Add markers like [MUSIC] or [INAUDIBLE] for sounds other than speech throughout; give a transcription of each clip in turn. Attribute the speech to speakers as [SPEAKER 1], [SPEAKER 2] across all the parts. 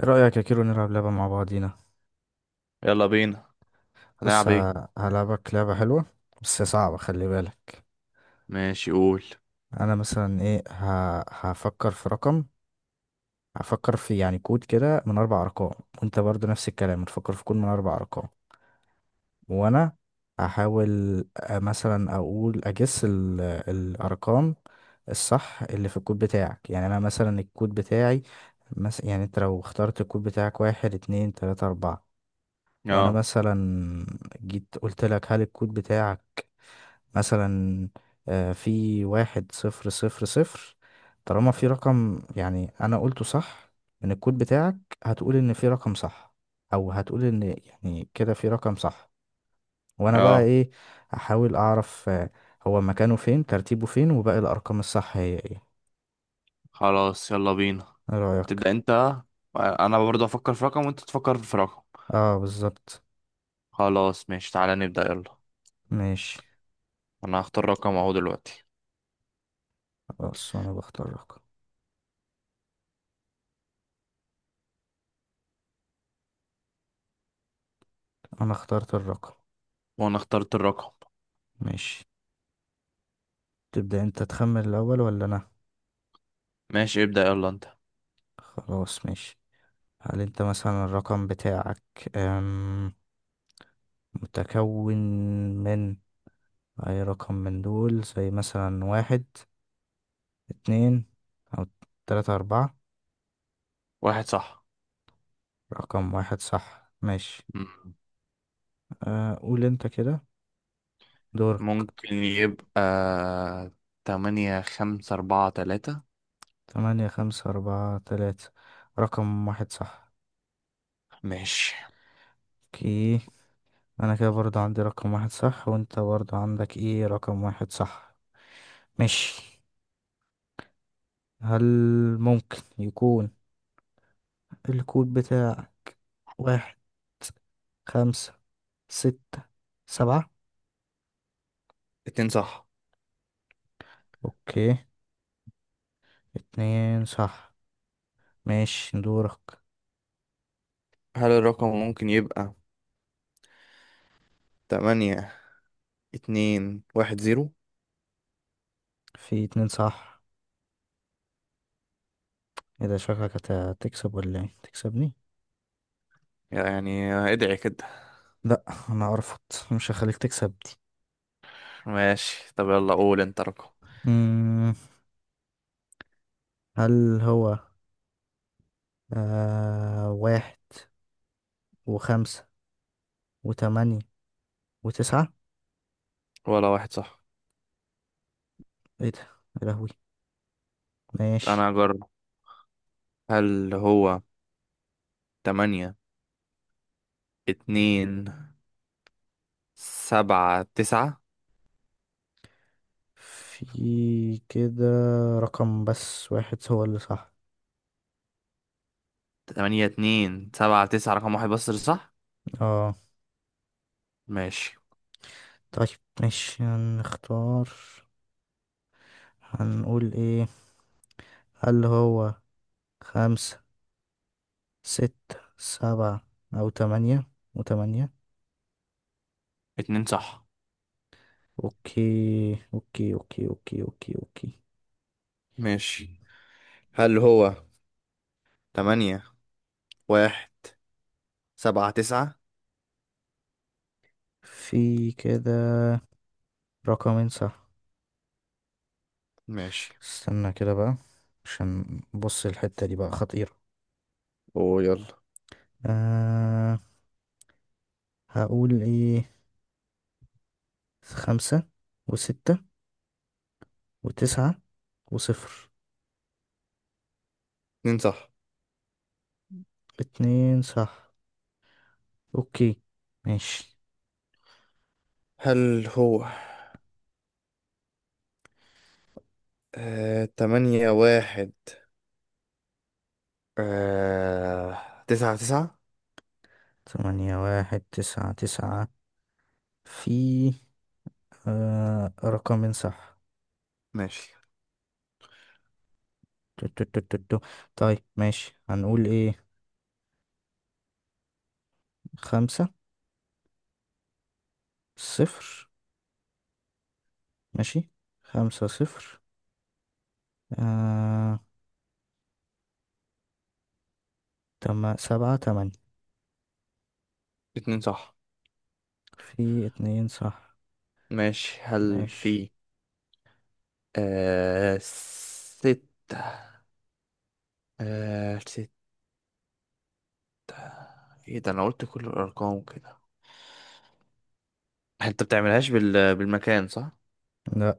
[SPEAKER 1] ايه رأيك يا كيرو، نلعب لعبة مع بعضينا؟
[SPEAKER 2] يلا بينا.
[SPEAKER 1] بص،
[SPEAKER 2] هنلعب ايه؟
[SPEAKER 1] هلعبك لعبة حلوة. بس صعبة، خلي بالك.
[SPEAKER 2] ماشي، قول.
[SPEAKER 1] انا مثلا ايه، هفكر في رقم. هفكر في يعني كود كده من اربع ارقام. وانت برضو نفس الكلام هتفكر في كود من اربع ارقام. وانا هحاول مثلا اقول اجس الارقام الصح اللي في الكود بتاعك، يعني انا مثلا الكود بتاعي، مثلا يعني انت لو اخترت الكود بتاعك واحد اتنين تلاتة اربعة، وانا
[SPEAKER 2] اه،
[SPEAKER 1] مثلا جيت قلت لك: هل الكود بتاعك مثلا في واحد صفر صفر صفر؟ طالما في رقم يعني انا قلته صح من الكود بتاعك، هتقول ان في رقم صح، او هتقول ان يعني كده في رقم صح. وانا بقى
[SPEAKER 2] اه،
[SPEAKER 1] ايه، احاول اعرف هو مكانه فين، ترتيبه فين، وباقي الارقام الصح هي ايه.
[SPEAKER 2] خلاص يلا بينا،
[SPEAKER 1] ايه رايك؟
[SPEAKER 2] تبدأ انت. انا برضه افكر في رقم وانت تفكر في رقم.
[SPEAKER 1] اه، بالظبط.
[SPEAKER 2] خلاص ماشي، تعالى نبدأ يلا.
[SPEAKER 1] ماشي.
[SPEAKER 2] انا هختار رقم اهو دلوقتي.
[SPEAKER 1] خلاص، انا بختار رقم. انا اخترت الرقم.
[SPEAKER 2] وانا اخترت الرقم.
[SPEAKER 1] ماشي. تبدأ انت تخمن الأول ولا أنا؟
[SPEAKER 2] ماشي، ابدأ يلا انت.
[SPEAKER 1] خلاص، ماشي. هل انت مثلا الرقم بتاعك أم، متكون من أي رقم من دول زي مثلا واحد اتنين أو تلاتة أربعة؟
[SPEAKER 2] واحد صح.
[SPEAKER 1] رقم واحد صح. ماشي.
[SPEAKER 2] مم.
[SPEAKER 1] أه، قول انت كده. دورك.
[SPEAKER 2] ممكن يبقى تمانية خمسة أربعة تلاتة.
[SPEAKER 1] تمانية خمسة أربعة تلاتة، رقم واحد صح.
[SPEAKER 2] ماشي،
[SPEAKER 1] اوكي. أنا كده برضه عندي رقم واحد صح، وانت برضه عندك ايه، رقم واحد صح. ماشي. هل ممكن يكون الكود بتاعك واحد خمسة ستة سبعة؟
[SPEAKER 2] اتنين صح.
[SPEAKER 1] اوكي، اتنين صح. ماشي، دورك.
[SPEAKER 2] هل الرقم ممكن يبقى تمانية اتنين واحد زيرو؟
[SPEAKER 1] في اتنين صح. ايه ده، شكلك هتكسب ولا ايه، تكسبني؟
[SPEAKER 2] يعني ادعي كده.
[SPEAKER 1] لا، انا ارفض، مش هخليك تكسب دي.
[SPEAKER 2] ماشي، طب يلا قول انت رقم.
[SPEAKER 1] مم، هل هو واحد وخمسة وتمانية وتسعة؟
[SPEAKER 2] ولا واحد صح.
[SPEAKER 1] ايه ده، يا لهوي. ماشي.
[SPEAKER 2] انا اجرب. هل هو تمانية اتنين سبعة تسعة؟
[SPEAKER 1] في كده رقم بس واحد هو اللي صح.
[SPEAKER 2] تمانية اتنين سبعة تسعة، رقم واحد بس اللي صح.
[SPEAKER 1] اه.
[SPEAKER 2] ماشي.
[SPEAKER 1] طيب، ماشي. هنختار، هنقول ايه؟ هل هو خمسة ستة سبعة، أو تمانية وتمانية؟
[SPEAKER 2] اتنين صح.
[SPEAKER 1] أوكي، أوكي، أوكي، أوكي، أوكي، أوكي.
[SPEAKER 2] ماشي، هل هو تمانية واحد سبعة تسعة؟
[SPEAKER 1] في كده رقمين صح.
[SPEAKER 2] ماشي.
[SPEAKER 1] استنى كده بقى، عشان بص، الحتة دي بقى خطيرة.
[SPEAKER 2] اوه، يلا.
[SPEAKER 1] أه، هقول ايه، خمسة وستة وتسعة وصفر.
[SPEAKER 2] اتنين صح.
[SPEAKER 1] اتنين صح. اوكي، ماشي.
[SPEAKER 2] هل هو تمانية واحد تسعة تسعة؟
[SPEAKER 1] تمانية واحد تسعة تسعة، في رقمين صح.
[SPEAKER 2] ماشي.
[SPEAKER 1] تو- تو- تو- تو- تو. طيب، ماشي. هنقول ايه، خمسة صفر. ماشي، خمسة صفر، آه سبعة تمانية.
[SPEAKER 2] اتنين صح.
[SPEAKER 1] في اتنين صح.
[SPEAKER 2] ماشي، هل
[SPEAKER 1] ماشي.
[SPEAKER 2] في ستة، ستة؟ ايه ده، انا قلت كل الارقام كده. انت بتعملهاش بالمكان صح؟
[SPEAKER 1] لا،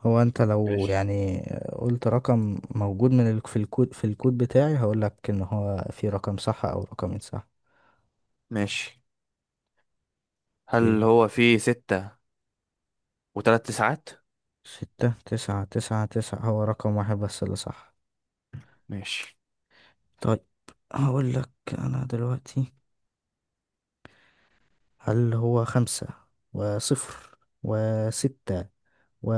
[SPEAKER 1] هو انت لو
[SPEAKER 2] ماشي.
[SPEAKER 1] يعني قلت رقم موجود في الكود بتاعي، هقولك ان هو في رقم صح او رقمين صح.
[SPEAKER 2] ماشي، هل
[SPEAKER 1] اوكي.
[SPEAKER 2] هو فيه ستة وتلات تسعات؟
[SPEAKER 1] ستة تسعة تسعة تسعة هو رقم واحد بس اللي صح.
[SPEAKER 2] ماشي.
[SPEAKER 1] طيب، هقول لك، أنا دلوقتي هل هو خمسة وصفر وستة و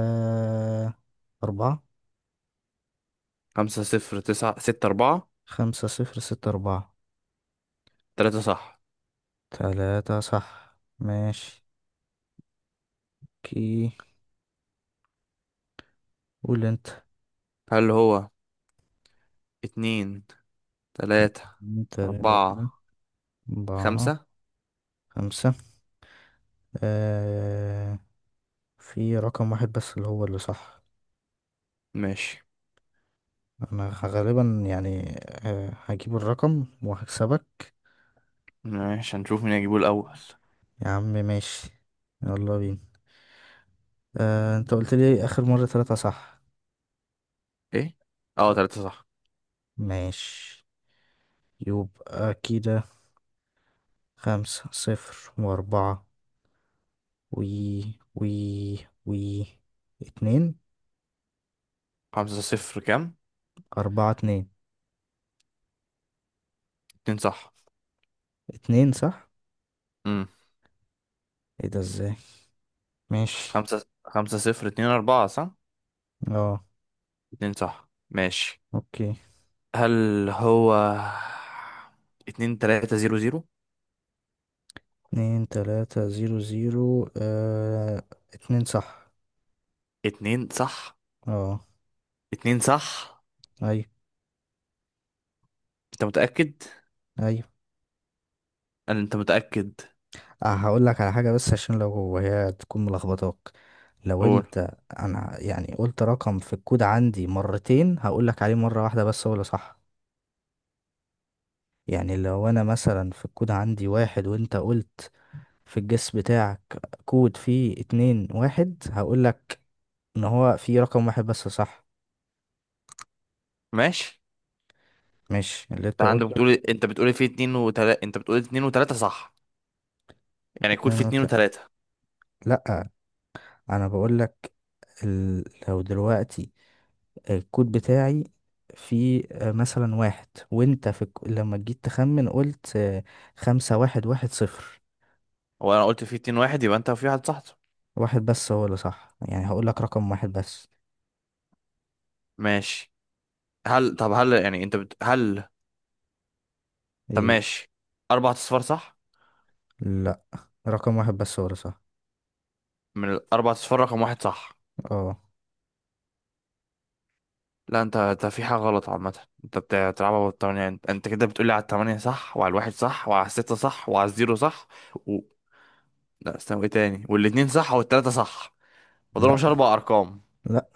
[SPEAKER 1] أربعة؟
[SPEAKER 2] خمسة صفر تسعة ستة أربعة.
[SPEAKER 1] خمسة صفر ستة أربعة،
[SPEAKER 2] تلاتة صح.
[SPEAKER 1] تلاتة صح. ماشي. كي قول أنت.
[SPEAKER 2] هل هو اتنين تلاتة
[SPEAKER 1] تلاتة
[SPEAKER 2] أربعة
[SPEAKER 1] أربعة
[SPEAKER 2] خمسة؟
[SPEAKER 1] خمسة، آه في رقم واحد بس اللي هو اللي صح.
[SPEAKER 2] ماشي.
[SPEAKER 1] أنا غالبا يعني، هجيب الرقم وهكسبك.
[SPEAKER 2] ماشي، هنشوف مين هيجيبه الأول.
[SPEAKER 1] يا عم ماشي، يلا بينا. آه، انت قلت لي اخر مرة ثلاثة صح.
[SPEAKER 2] ايه. اه، تلاتة صح.
[SPEAKER 1] ماشي، يبقى كده، خمسة صفر واربعة، وي وي وي اتنين.
[SPEAKER 2] خمسة صفر كام؟
[SPEAKER 1] اربعة اتنين.
[SPEAKER 2] اتنين صح.
[SPEAKER 1] اتنين صح.
[SPEAKER 2] امم
[SPEAKER 1] ايه ده، ازاي؟ ماشي.
[SPEAKER 2] خمسة صفر اتنين أربعة صح.
[SPEAKER 1] اه.
[SPEAKER 2] اتنين صح. ماشي،
[SPEAKER 1] اوكي.
[SPEAKER 2] هل هو اتنين تلاتة زيرو زيرو؟
[SPEAKER 1] اتنين تلاتة زيرو زيرو، اه، اتنين صح.
[SPEAKER 2] اتنين صح.
[SPEAKER 1] اه،
[SPEAKER 2] اتنين صح.
[SPEAKER 1] اي،
[SPEAKER 2] انت متأكد؟
[SPEAKER 1] اي.
[SPEAKER 2] قال انت متأكد.
[SPEAKER 1] أه، هقول لك على حاجة، بس عشان لو هي تكون ملخبطاك، لو
[SPEAKER 2] قول.
[SPEAKER 1] انت. انا يعني قلت رقم في الكود عندي مرتين، هقول لك عليه مرة واحدة بس هو اللي صح. يعني لو انا مثلا في الكود عندي واحد، وانت قلت في الجس بتاعك كود فيه اتنين واحد، هقول لك ان هو فيه رقم واحد بس صح.
[SPEAKER 2] ماشي،
[SPEAKER 1] مش اللي انت
[SPEAKER 2] انت عندك
[SPEAKER 1] قلت.
[SPEAKER 2] بتقول، انت بتقول في اتنين وتلاتة، انت بتقول اتنين وتلاتة صح. يعني يكون
[SPEAKER 1] اتنين
[SPEAKER 2] في
[SPEAKER 1] وت...
[SPEAKER 2] اتنين وتلاتة.
[SPEAKER 1] لا، انا بقول لك ال... لو دلوقتي الكود بتاعي في مثلا واحد، وانت لما جيت تخمن قلت خمسة واحد واحد صفر.
[SPEAKER 2] وانا قلت في اتنين واحد، يبقى انت في واحد صح.
[SPEAKER 1] واحد بس هو اللي صح، يعني هقول لك رقم واحد بس.
[SPEAKER 2] ماشي. هل طب هل يعني انت بت... هل طب
[SPEAKER 1] ايه؟
[SPEAKER 2] ماشي. اربع اصفار صح؟
[SPEAKER 1] لا، رقم واحد بس هو اللي صح.
[SPEAKER 2] من الاربع اصفار رقم واحد صح.
[SPEAKER 1] اه.
[SPEAKER 2] لا، انت في حاجة غلط. عامة انت بتلعبها بالتمانية. انت كده بتقولي على التمانية صح، وعلى الواحد صح، وعلى الستة صح، وعلى الزيرو صح، و... لا استنى، ايه تاني، والاتنين صح والتلاتة صح. مضربهمش
[SPEAKER 1] لا،
[SPEAKER 2] أربع أرقام.
[SPEAKER 1] لا،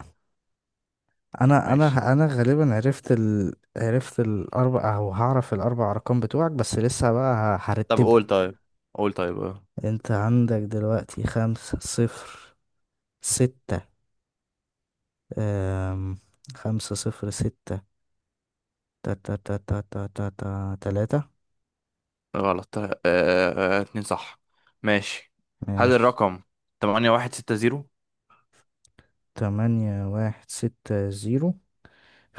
[SPEAKER 1] انا
[SPEAKER 2] ماشي.
[SPEAKER 1] انا انا غالبا عرفت عرفت الاربع، او هعرف الاربع ارقام بتوعك، بس لسه بقى
[SPEAKER 2] طب
[SPEAKER 1] هرتبه.
[SPEAKER 2] قول طيب. قول طيب اه.
[SPEAKER 1] انت عندك دلوقتي خمسة صفر ستة، أم... خمسة صفر ستة تا تا تا تا تا تا تا تلاتة.
[SPEAKER 2] غلط. طيب. اتنين صح. ماشي. هل
[SPEAKER 1] ماشي.
[SPEAKER 2] الرقم تمانية واحد ستة زيرو؟
[SPEAKER 1] تمانية واحد ستة زيرو،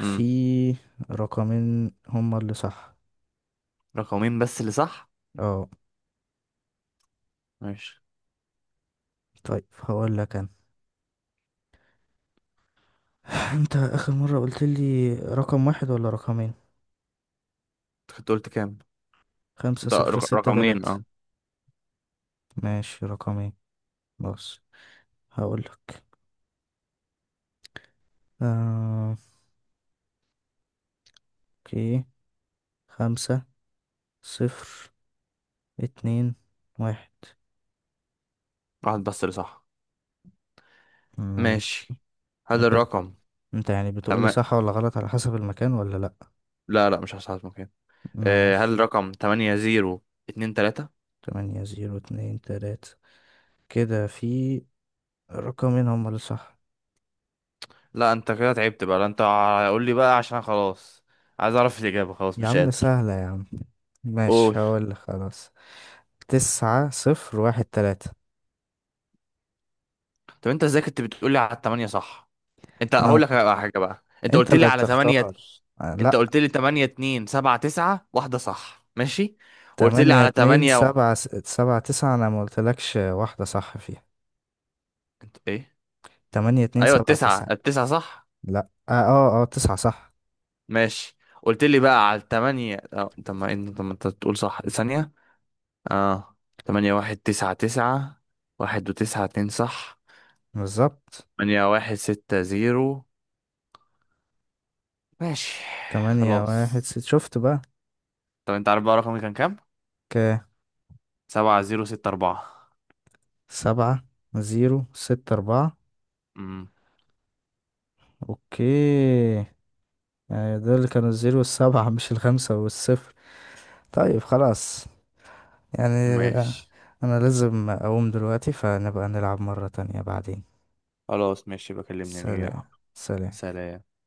[SPEAKER 2] امم
[SPEAKER 1] رقمين هما اللي صح.
[SPEAKER 2] رقمين بس اللي صح.
[SPEAKER 1] اه،
[SPEAKER 2] ماشي.
[SPEAKER 1] طيب، هقول لك انا. [LAUGHS] [SIGHS] انت اخر مرة قلت لي رقم واحد ولا رقمين؟
[SPEAKER 2] انت كنت قلت كام؟
[SPEAKER 1] خمسة
[SPEAKER 2] انت
[SPEAKER 1] صفر ستة
[SPEAKER 2] رقمين،
[SPEAKER 1] تلاتة.
[SPEAKER 2] اه.
[SPEAKER 1] ماشي، رقمين. بص، هقول لك آه. اوكي. خمسة صفر اتنين واحد.
[SPEAKER 2] واحد بس اللي صح.
[SPEAKER 1] ماشي.
[SPEAKER 2] ماشي. هل
[SPEAKER 1] انت
[SPEAKER 2] الرقم
[SPEAKER 1] انت يعني بتقول لي
[SPEAKER 2] تم-
[SPEAKER 1] صح ولا غلط على حسب المكان، ولا لا؟
[SPEAKER 2] لا، لا، مش هساعدك. هل
[SPEAKER 1] ماشي.
[SPEAKER 2] رقم تمانية زيرو اتنين تلاتة؟
[SPEAKER 1] تمانية زيرو اتنين تلاتة، كده في رقمين هما اللي صح.
[SPEAKER 2] لا، انت كده تعبت بقى. لا انت، قول لي بقى عشان خلاص. عايز اعرف الاجابه، خلاص
[SPEAKER 1] يا
[SPEAKER 2] مش
[SPEAKER 1] عم،
[SPEAKER 2] قادر.
[SPEAKER 1] سهلة يا عم. ماشي،
[SPEAKER 2] قول.
[SPEAKER 1] هقول لك خلاص. تسعة صفر واحد تلاتة.
[SPEAKER 2] طب انت ازاي كنت بتقول لي على التمانية صح؟ انت،
[SPEAKER 1] أنا
[SPEAKER 2] هقول لك على حاجه بقى، انت
[SPEAKER 1] أنت
[SPEAKER 2] قلت لي
[SPEAKER 1] اللي
[SPEAKER 2] على تمانية.
[SPEAKER 1] بتختار.
[SPEAKER 2] انت
[SPEAKER 1] لأ.
[SPEAKER 2] قلت لي تمانية اتنين سبعة تسعة واحده صح، ماشي. وقلت لي
[SPEAKER 1] تمانية
[SPEAKER 2] على
[SPEAKER 1] اتنين
[SPEAKER 2] تمانية و...
[SPEAKER 1] سبعة سبعة تسعة، أنا ما قلتلكش واحدة صح فيها.
[SPEAKER 2] انت ايه؟
[SPEAKER 1] تمانية اتنين
[SPEAKER 2] ايوه
[SPEAKER 1] سبعة
[SPEAKER 2] التسعة
[SPEAKER 1] تسعة.
[SPEAKER 2] التسعة صح.
[SPEAKER 1] لأ، تسعة صح.
[SPEAKER 2] ماشي. قلت لي بقى على التمانية اه، طب ما انت تقول صح ثانيه. اه. تمانية واحد تسعة تسعة. واحد وتسعة، اتنين صح.
[SPEAKER 1] بالظبط.
[SPEAKER 2] تمانية واحد ستة زيرو. ماشي.
[SPEAKER 1] تمانية
[SPEAKER 2] خلاص.
[SPEAKER 1] واحد شفت بقى.
[SPEAKER 2] طب انت عارف بقى رقمي كان كام؟
[SPEAKER 1] ك
[SPEAKER 2] سبعة زيرو ستة أربعة.
[SPEAKER 1] سبعة زيرو ستة أربعة.
[SPEAKER 2] امم
[SPEAKER 1] أوكي، يعني دول اللي كانوا الزيرو والسبعة، مش الخمسة والصفر. طيب، خلاص، يعني
[SPEAKER 2] ماشي.
[SPEAKER 1] أنا لازم أقوم دلوقتي، فنبقى نلعب مرة تانية بعدين.
[SPEAKER 2] خلاص ماشي، بكلمني نيجي
[SPEAKER 1] سلام،
[SPEAKER 2] نلعب.
[SPEAKER 1] سلام.
[SPEAKER 2] سلام.